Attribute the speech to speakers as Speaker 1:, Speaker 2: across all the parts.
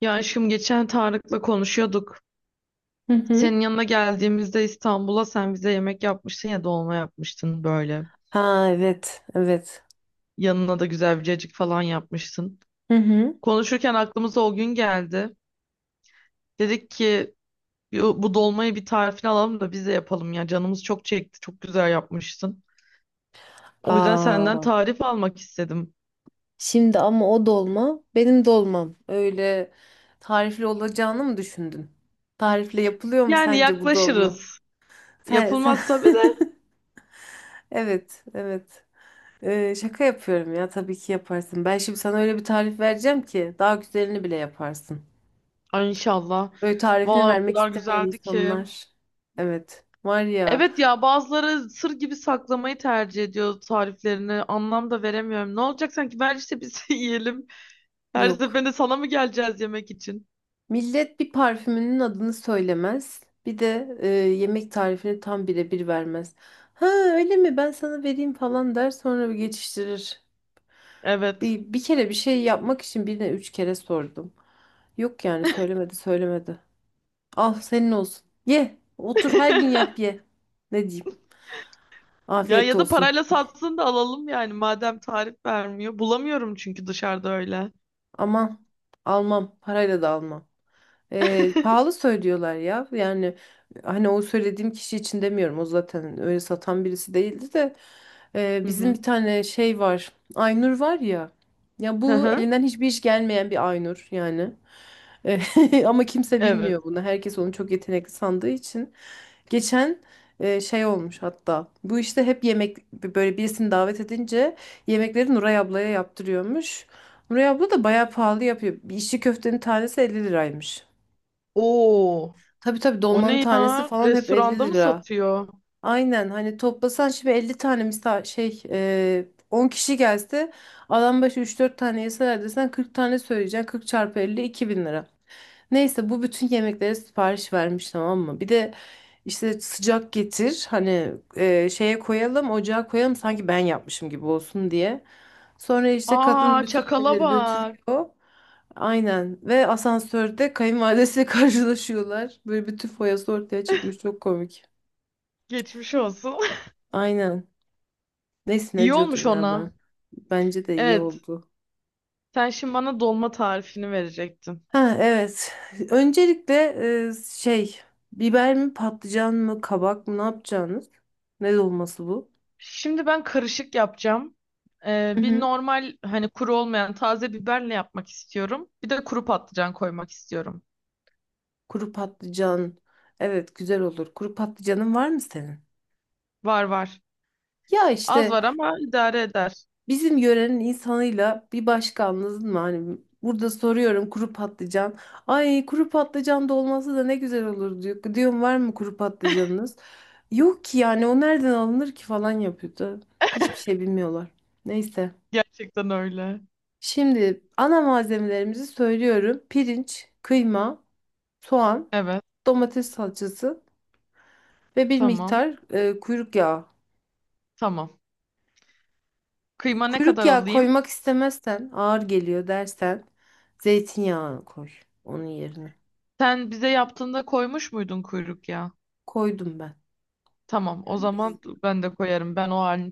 Speaker 1: Ya aşkım geçen Tarık'la konuşuyorduk.
Speaker 2: Hı hı.
Speaker 1: Senin yanına geldiğimizde İstanbul'a sen bize yemek yapmıştın ya, dolma yapmıştın böyle.
Speaker 2: Ha evet, evet.
Speaker 1: Yanına da güzel bir cacık falan yapmıştın.
Speaker 2: Hı hı.
Speaker 1: Konuşurken aklımıza o gün geldi. Dedik ki bu dolmayı bir tarifini alalım da biz de yapalım ya. Canımız çok çekti. Çok güzel yapmıştın. O yüzden senden
Speaker 2: Aa,
Speaker 1: tarif almak istedim.
Speaker 2: şimdi ama o dolma benim dolmam. Öyle tarifli olacağını mı düşündün? Tarifle yapılıyor mu
Speaker 1: Yani
Speaker 2: sence bu dolma?
Speaker 1: yaklaşırız.
Speaker 2: Sen...
Speaker 1: Yapılmaz tabii de.
Speaker 2: Evet, evet. Şaka yapıyorum ya, tabii ki yaparsın. Ben şimdi sana öyle bir tarif vereceğim ki daha güzelini bile yaparsın.
Speaker 1: Ay inşallah.
Speaker 2: Böyle tarifini
Speaker 1: Vallahi o
Speaker 2: vermek
Speaker 1: kadar
Speaker 2: istemeyen
Speaker 1: güzeldi ki.
Speaker 2: insanlar. Evet. Var ya,
Speaker 1: Evet ya, bazıları sır gibi saklamayı tercih ediyor tariflerini. Anlam da veremiyorum. Ne olacak sanki, ver işte biz yiyelim. Her
Speaker 2: yok.
Speaker 1: seferinde sana mı geleceğiz yemek için?
Speaker 2: Millet bir parfümünün adını söylemez. Bir de yemek tarifini tam birebir vermez. Ha öyle mi, ben sana vereyim falan der sonra bir geçiştirir.
Speaker 1: Evet.
Speaker 2: Bir kere bir şey yapmak için birine üç kere sordum. Yok yani, söylemedi söylemedi. Al senin olsun. Ye otur her gün yap ye. Ne diyeyim?
Speaker 1: Ya
Speaker 2: Afiyet
Speaker 1: ya da
Speaker 2: olsun.
Speaker 1: parayla satsın da alalım yani, madem tarif vermiyor. Bulamıyorum çünkü dışarıda öyle.
Speaker 2: Aman, almam, parayla da almam. Ee, pahalı söylüyorlar ya. Yani hani, o söylediğim kişi için demiyorum. O zaten öyle satan birisi değildi de. Ee,
Speaker 1: Hı
Speaker 2: bizim
Speaker 1: hı.
Speaker 2: bir tane şey var. Aynur var ya. Ya
Speaker 1: Hı
Speaker 2: bu
Speaker 1: hı.
Speaker 2: elinden hiçbir iş gelmeyen bir Aynur yani. Ama kimse
Speaker 1: Evet.
Speaker 2: bilmiyor bunu. Herkes onu çok yetenekli sandığı için. Geçen şey olmuş hatta. Bu işte hep, yemek böyle birisini davet edince yemekleri Nuray ablaya yaptırıyormuş. Nuray abla da bayağı pahalı yapıyor. Bir İçli köftenin tanesi 50 liraymış.
Speaker 1: Oo.
Speaker 2: Tabii tabii,
Speaker 1: O
Speaker 2: dolmanın
Speaker 1: ne
Speaker 2: tanesi
Speaker 1: ya?
Speaker 2: falan hep 50
Speaker 1: Restoranda mı
Speaker 2: lira.
Speaker 1: satıyor?
Speaker 2: Aynen, hani toplasan şimdi 50 tane misal, şey, 10 kişi gelse, adam başı üç dört tane yeseler desen 40 tane söyleyeceksin. 40 çarpı 50 bin lira. Neyse, bu bütün yemeklere sipariş vermiş, tamam mı? Bir de işte sıcak getir, hani şeye koyalım, ocağa koyalım, sanki ben yapmışım gibi olsun diye. Sonra işte kadın
Speaker 1: Aa
Speaker 2: bütün
Speaker 1: çakala
Speaker 2: yemekleri
Speaker 1: bak.
Speaker 2: götürüyor. Aynen. Ve asansörde kayınvalidesiyle karşılaşıyorlar. Böyle bütün foyası ortaya çıkmış. Çok komik.
Speaker 1: Geçmiş olsun.
Speaker 2: Aynen. Neyse, ne
Speaker 1: İyi
Speaker 2: diyordum
Speaker 1: olmuş
Speaker 2: ya ben?
Speaker 1: ona.
Speaker 2: Bence de iyi
Speaker 1: Evet.
Speaker 2: oldu.
Speaker 1: Sen şimdi bana dolma tarifini verecektin.
Speaker 2: Ha evet. Öncelikle, şey, biber mi patlıcan mı kabak mı ne yapacağınız? Ne dolması bu?
Speaker 1: Şimdi ben karışık yapacağım.
Speaker 2: Hı
Speaker 1: Bir
Speaker 2: hı.
Speaker 1: normal hani kuru olmayan taze biberle yapmak istiyorum. Bir de kuru patlıcan koymak istiyorum.
Speaker 2: Kuru patlıcan. Evet, güzel olur. Kuru patlıcanın var mı senin?
Speaker 1: Var var.
Speaker 2: Ya
Speaker 1: Az
Speaker 2: işte,
Speaker 1: var ama idare eder.
Speaker 2: bizim yörenin insanıyla bir başka, anladın mı? Hani burada soruyorum kuru patlıcan. Ay kuru patlıcan dolması da ne güzel olur diyor. Diyorum var mı kuru patlıcanınız? Yok ki yani, o nereden alınır ki falan yapıyordu. Hiçbir şey bilmiyorlar. Neyse.
Speaker 1: Gerçekten öyle.
Speaker 2: Şimdi ana malzemelerimizi söylüyorum. Pirinç, kıyma, soğan,
Speaker 1: Evet.
Speaker 2: domates salçası ve bir
Speaker 1: Tamam.
Speaker 2: miktar kuyruk yağı.
Speaker 1: Tamam. Kıyma ne
Speaker 2: Kuyruk
Speaker 1: kadar
Speaker 2: yağı
Speaker 1: alayım?
Speaker 2: koymak istemezsen, ağır geliyor dersen, zeytinyağı koy onun yerine.
Speaker 1: Sen bize yaptığında koymuş muydun kuyruk ya?
Speaker 2: Koydum ben.
Speaker 1: Tamam. O
Speaker 2: Yani biz,
Speaker 1: zaman ben de koyarım. Ben o halini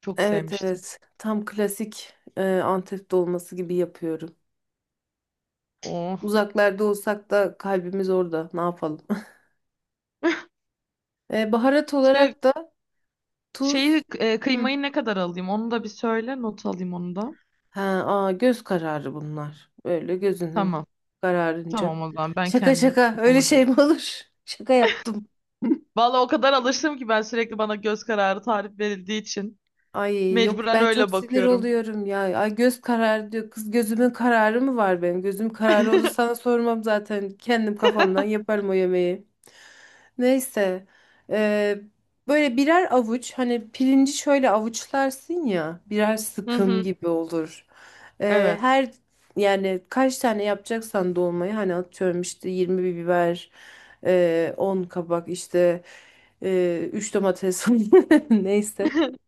Speaker 1: çok
Speaker 2: evet
Speaker 1: sevmiştim.
Speaker 2: evet, tam klasik Antep dolması gibi yapıyorum.
Speaker 1: Oh.
Speaker 2: Uzaklarda olsak da kalbimiz orada. Ne yapalım? Baharat
Speaker 1: Şey,
Speaker 2: olarak da
Speaker 1: şeyi
Speaker 2: tuz. Hı.
Speaker 1: kıymayı ne kadar alayım? Onu da bir söyle. Not alayım onu da.
Speaker 2: Ha, aa, göz kararı bunlar. Böyle gözünün
Speaker 1: Tamam.
Speaker 2: kararınca.
Speaker 1: Tamam o zaman ben
Speaker 2: Şaka
Speaker 1: kendim
Speaker 2: şaka, öyle
Speaker 1: kafama
Speaker 2: şey
Speaker 1: göre.
Speaker 2: mi olur? Şaka yaptım.
Speaker 1: Vallahi o kadar alıştım ki ben sürekli bana göz kararı tarif verildiği için
Speaker 2: Ay yok,
Speaker 1: mecburen
Speaker 2: ben çok
Speaker 1: öyle
Speaker 2: sinir
Speaker 1: bakıyorum.
Speaker 2: oluyorum ya. Ay göz kararı diyor. Kız, gözümün kararı mı var benim? Gözüm kararı olsa sana sormam zaten. Kendim kafamdan yaparım o yemeği. Neyse. Ee, böyle birer avuç, hani pirinci şöyle avuçlarsın ya. Birer
Speaker 1: Hı
Speaker 2: sıkım
Speaker 1: hı.
Speaker 2: gibi olur.
Speaker 1: Evet.
Speaker 2: Her yani kaç tane yapacaksan dolmayı, hani atıyorum işte 20 bir biber, 10 kabak, işte 3 domates, neyse.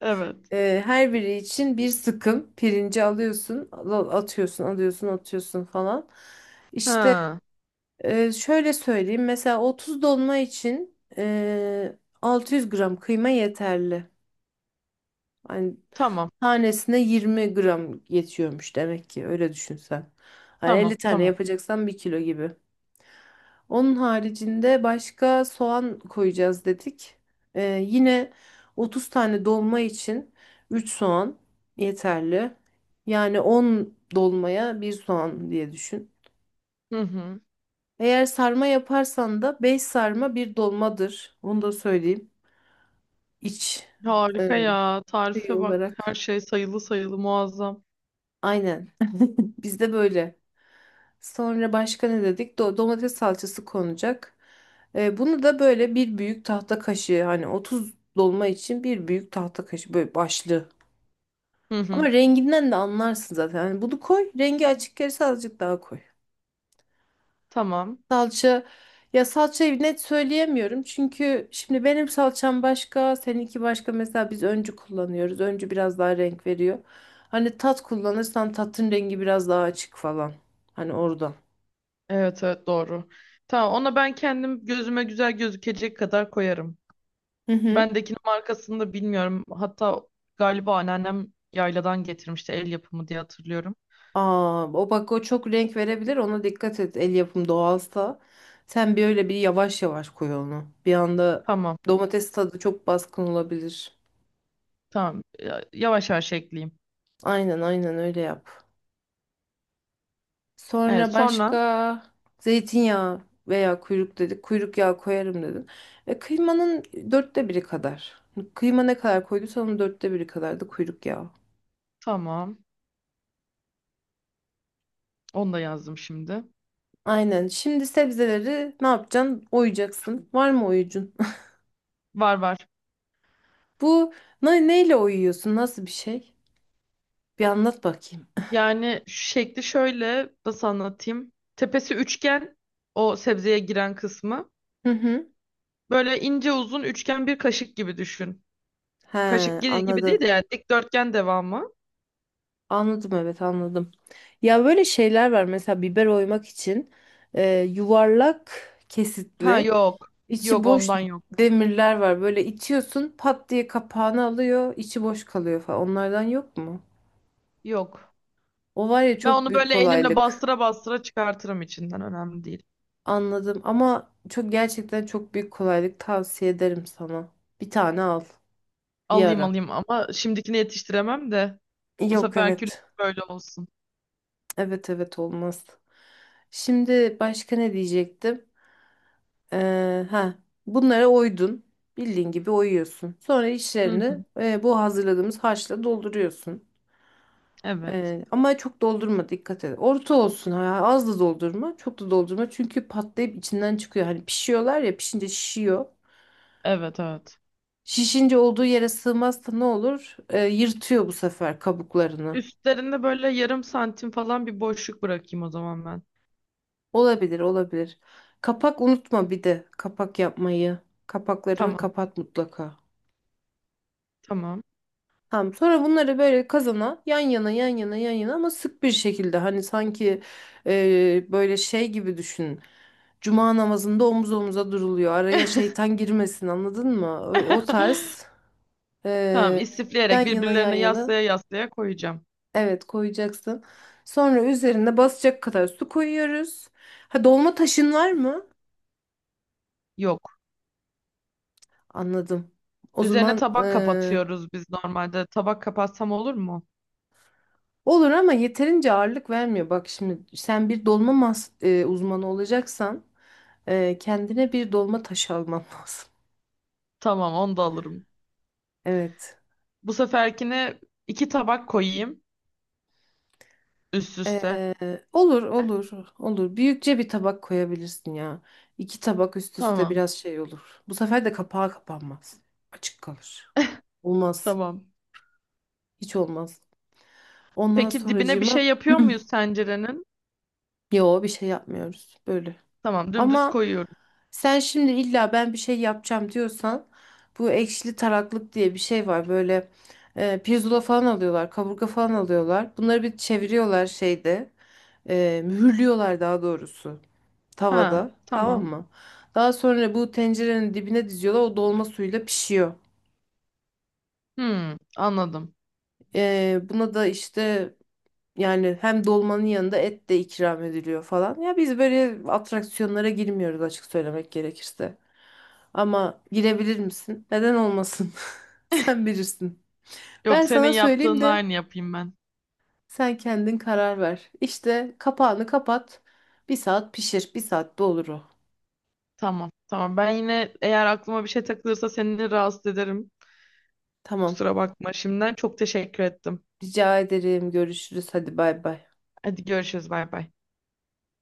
Speaker 1: Evet.
Speaker 2: Her biri için bir sıkım pirinci alıyorsun, atıyorsun, alıyorsun, atıyorsun falan. İşte
Speaker 1: Ha.
Speaker 2: şöyle söyleyeyim. Mesela 30 dolma için 600 gram kıyma yeterli. Hani
Speaker 1: Tamam.
Speaker 2: tanesine 20 gram yetiyormuş demek ki, öyle düşünsen. Hani
Speaker 1: Tamam.
Speaker 2: 50 tane
Speaker 1: Tamam.
Speaker 2: yapacaksan bir kilo gibi. Onun haricinde başka soğan koyacağız dedik. Ee, yine 30 tane dolma için 3 soğan yeterli. Yani 10 dolmaya bir soğan diye düşün.
Speaker 1: Hı hı.
Speaker 2: Eğer sarma yaparsan da 5 sarma bir dolmadır. Onu da söyleyeyim. İç e,
Speaker 1: Harika ya.
Speaker 2: şey
Speaker 1: Tarife bak. Her
Speaker 2: olarak.
Speaker 1: şey sayılı sayılı muazzam.
Speaker 2: Aynen. Bizde böyle. Sonra başka ne dedik? Domates salçası konacak. Bunu da böyle bir büyük tahta kaşığı, hani 30 dolma için bir büyük tahta kaşığı böyle başlı.
Speaker 1: Hı hı.
Speaker 2: Ama renginden de anlarsın zaten. Hani bunu koy. Rengi açık gelirse azıcık daha koy.
Speaker 1: Tamam.
Speaker 2: Salça, ya salçayı net söyleyemiyorum. Çünkü şimdi benim salçam başka, seninki başka. Mesela biz Öncü kullanıyoruz. Öncü biraz daha renk veriyor. Hani Tat kullanırsan tatın rengi biraz daha açık falan. Hani oradan.
Speaker 1: Evet evet doğru. Tamam, ona ben kendim gözüme güzel gözükecek kadar koyarım. Bendekinin markasını da bilmiyorum. Hatta galiba anneannem yayladan getirmişti, el yapımı diye hatırlıyorum.
Speaker 2: Aa, o bak, o çok renk verebilir. Ona dikkat et. El yapım doğalsa. Sen bir öyle bir yavaş yavaş koy onu. Bir anda
Speaker 1: Tamam,
Speaker 2: domates tadı çok baskın olabilir.
Speaker 1: tamam. Ya- yavaş yavaş ekleyeyim.
Speaker 2: Aynen aynen, öyle yap.
Speaker 1: Evet,
Speaker 2: Sonra
Speaker 1: sonra
Speaker 2: başka, zeytinyağı veya kuyruk dedik. Kuyruk yağı koyarım dedin. Kıymanın dörtte biri kadar. Kıyma ne kadar koyduysan onun dörtte biri kadar da kuyruk yağı.
Speaker 1: tamam. Onu da yazdım şimdi.
Speaker 2: Aynen. Şimdi sebzeleri ne yapacaksın? Oyacaksın. Var mı oyucun?
Speaker 1: Var var.
Speaker 2: Bu neyle oyuyorsun? Nasıl bir şey? Bir anlat bakayım.
Speaker 1: Yani şekli şöyle, nasıl anlatayım? Tepesi üçgen, o sebzeye giren kısmı.
Speaker 2: Hı hı.
Speaker 1: Böyle ince uzun üçgen bir kaşık gibi düşün.
Speaker 2: He,
Speaker 1: Kaşık gibi gibi
Speaker 2: anladım.
Speaker 1: değil de yani dikdörtgen devamı.
Speaker 2: Anladım, evet anladım. Ya böyle şeyler var, mesela biber oymak için yuvarlak
Speaker 1: Ha
Speaker 2: kesitli
Speaker 1: yok.
Speaker 2: içi
Speaker 1: Yok
Speaker 2: boş
Speaker 1: ondan yok.
Speaker 2: demirler var. Böyle itiyorsun, pat diye kapağını alıyor, içi boş kalıyor falan. Onlardan yok mu?
Speaker 1: Yok.
Speaker 2: O var ya,
Speaker 1: Ben
Speaker 2: çok
Speaker 1: onu
Speaker 2: büyük
Speaker 1: böyle elimle
Speaker 2: kolaylık.
Speaker 1: bastıra bastıra çıkartırım içinden. Önemli değil.
Speaker 2: Anladım ama çok, gerçekten çok büyük kolaylık, tavsiye ederim sana. Bir tane al bir
Speaker 1: Alayım
Speaker 2: ara.
Speaker 1: alayım ama şimdikini yetiştiremem de, bu
Speaker 2: Yok,
Speaker 1: seferki
Speaker 2: evet.
Speaker 1: böyle olsun.
Speaker 2: Evet evet, olmaz. Şimdi başka ne diyecektim? Ha, bunlara oydun. Bildiğin gibi oyuyorsun. Sonra
Speaker 1: Hı
Speaker 2: içlerini
Speaker 1: hı.
Speaker 2: bu hazırladığımız harçla dolduruyorsun.
Speaker 1: Evet.
Speaker 2: Ama çok doldurma, dikkat et. Orta olsun ha, az da doldurma, çok da doldurma. Çünkü patlayıp içinden çıkıyor. Hani pişiyorlar ya, pişince şişiyor.
Speaker 1: Evet evet.
Speaker 2: Şişince olduğu yere sığmazsa ne olur? Yırtıyor bu sefer kabuklarını.
Speaker 1: Üstlerinde böyle yarım santim falan bir boşluk bırakayım o zaman ben.
Speaker 2: Olabilir, olabilir. Kapak unutma, bir de kapak yapmayı. Kapaklarını
Speaker 1: Tamam.
Speaker 2: kapat mutlaka.
Speaker 1: Tamam.
Speaker 2: Tamam, sonra bunları böyle kazana yan yana yan yana yan yana, ama sık bir şekilde, hani sanki böyle şey gibi düşün. Cuma namazında omuz omuza duruluyor. Araya şeytan girmesin, anladın mı? O tarz
Speaker 1: Tamam,
Speaker 2: e,
Speaker 1: istifleyerek
Speaker 2: yan yana yan
Speaker 1: birbirlerine
Speaker 2: yana,
Speaker 1: yaslaya yaslaya koyacağım.
Speaker 2: evet, koyacaksın. Sonra üzerine basacak kadar su koyuyoruz. Ha, dolma taşın var mı?
Speaker 1: Yok.
Speaker 2: Anladım. O
Speaker 1: Üzerine
Speaker 2: zaman
Speaker 1: tabak kapatıyoruz biz normalde. Tabak kapatsam olur mu?
Speaker 2: olur ama yeterince ağırlık vermiyor. Bak şimdi, sen bir dolma mas uzmanı olacaksan kendine bir dolma taşı alman lazım.
Speaker 1: Tamam, onu da alırım.
Speaker 2: Evet.
Speaker 1: Bu seferkine iki tabak koyayım üst üste.
Speaker 2: Olur olur olur. Büyükçe bir tabak koyabilirsin ya. İki tabak üst üste
Speaker 1: Tamam,
Speaker 2: biraz şey olur. Bu sefer de kapağı kapanmaz. Açık kalır. Olmaz.
Speaker 1: tamam.
Speaker 2: Hiç olmaz. Ondan
Speaker 1: Peki dibine bir şey
Speaker 2: sonracığıma
Speaker 1: yapıyor muyuz tencerenin?
Speaker 2: yo, bir şey yapmıyoruz. Böyle.
Speaker 1: Tamam, dümdüz
Speaker 2: Ama
Speaker 1: koyuyoruz.
Speaker 2: sen şimdi illa ben bir şey yapacağım diyorsan, bu ekşili taraklık diye bir şey var. Böyle pirzola falan alıyorlar, kaburga falan alıyorlar. Bunları bir çeviriyorlar şeyde. Mühürlüyorlar daha doğrusu,
Speaker 1: Ha,
Speaker 2: tavada. Tamam
Speaker 1: tamam.
Speaker 2: mı? Daha sonra bu tencerenin dibine diziyorlar. O dolma suyuyla pişiyor.
Speaker 1: Hmm, anladım.
Speaker 2: Buna da işte yani, hem dolmanın yanında et de ikram ediliyor falan. Ya biz böyle atraksiyonlara girmiyoruz, açık söylemek gerekirse. Ama girebilir misin? Neden olmasın? Sen bilirsin.
Speaker 1: Yok,
Speaker 2: Ben
Speaker 1: senin
Speaker 2: sana söyleyeyim
Speaker 1: yaptığın
Speaker 2: de
Speaker 1: aynı yapayım ben.
Speaker 2: sen kendin karar ver. İşte kapağını kapat. Bir saat pişir. Bir saatte olur o.
Speaker 1: Tamam, tamam. Ben yine eğer aklıma bir şey takılırsa seni rahatsız ederim.
Speaker 2: Tamam.
Speaker 1: Kusura bakma şimdiden. Çok teşekkür ettim.
Speaker 2: Rica ederim. Görüşürüz. Hadi bay bay.
Speaker 1: Hadi görüşürüz, bay bay.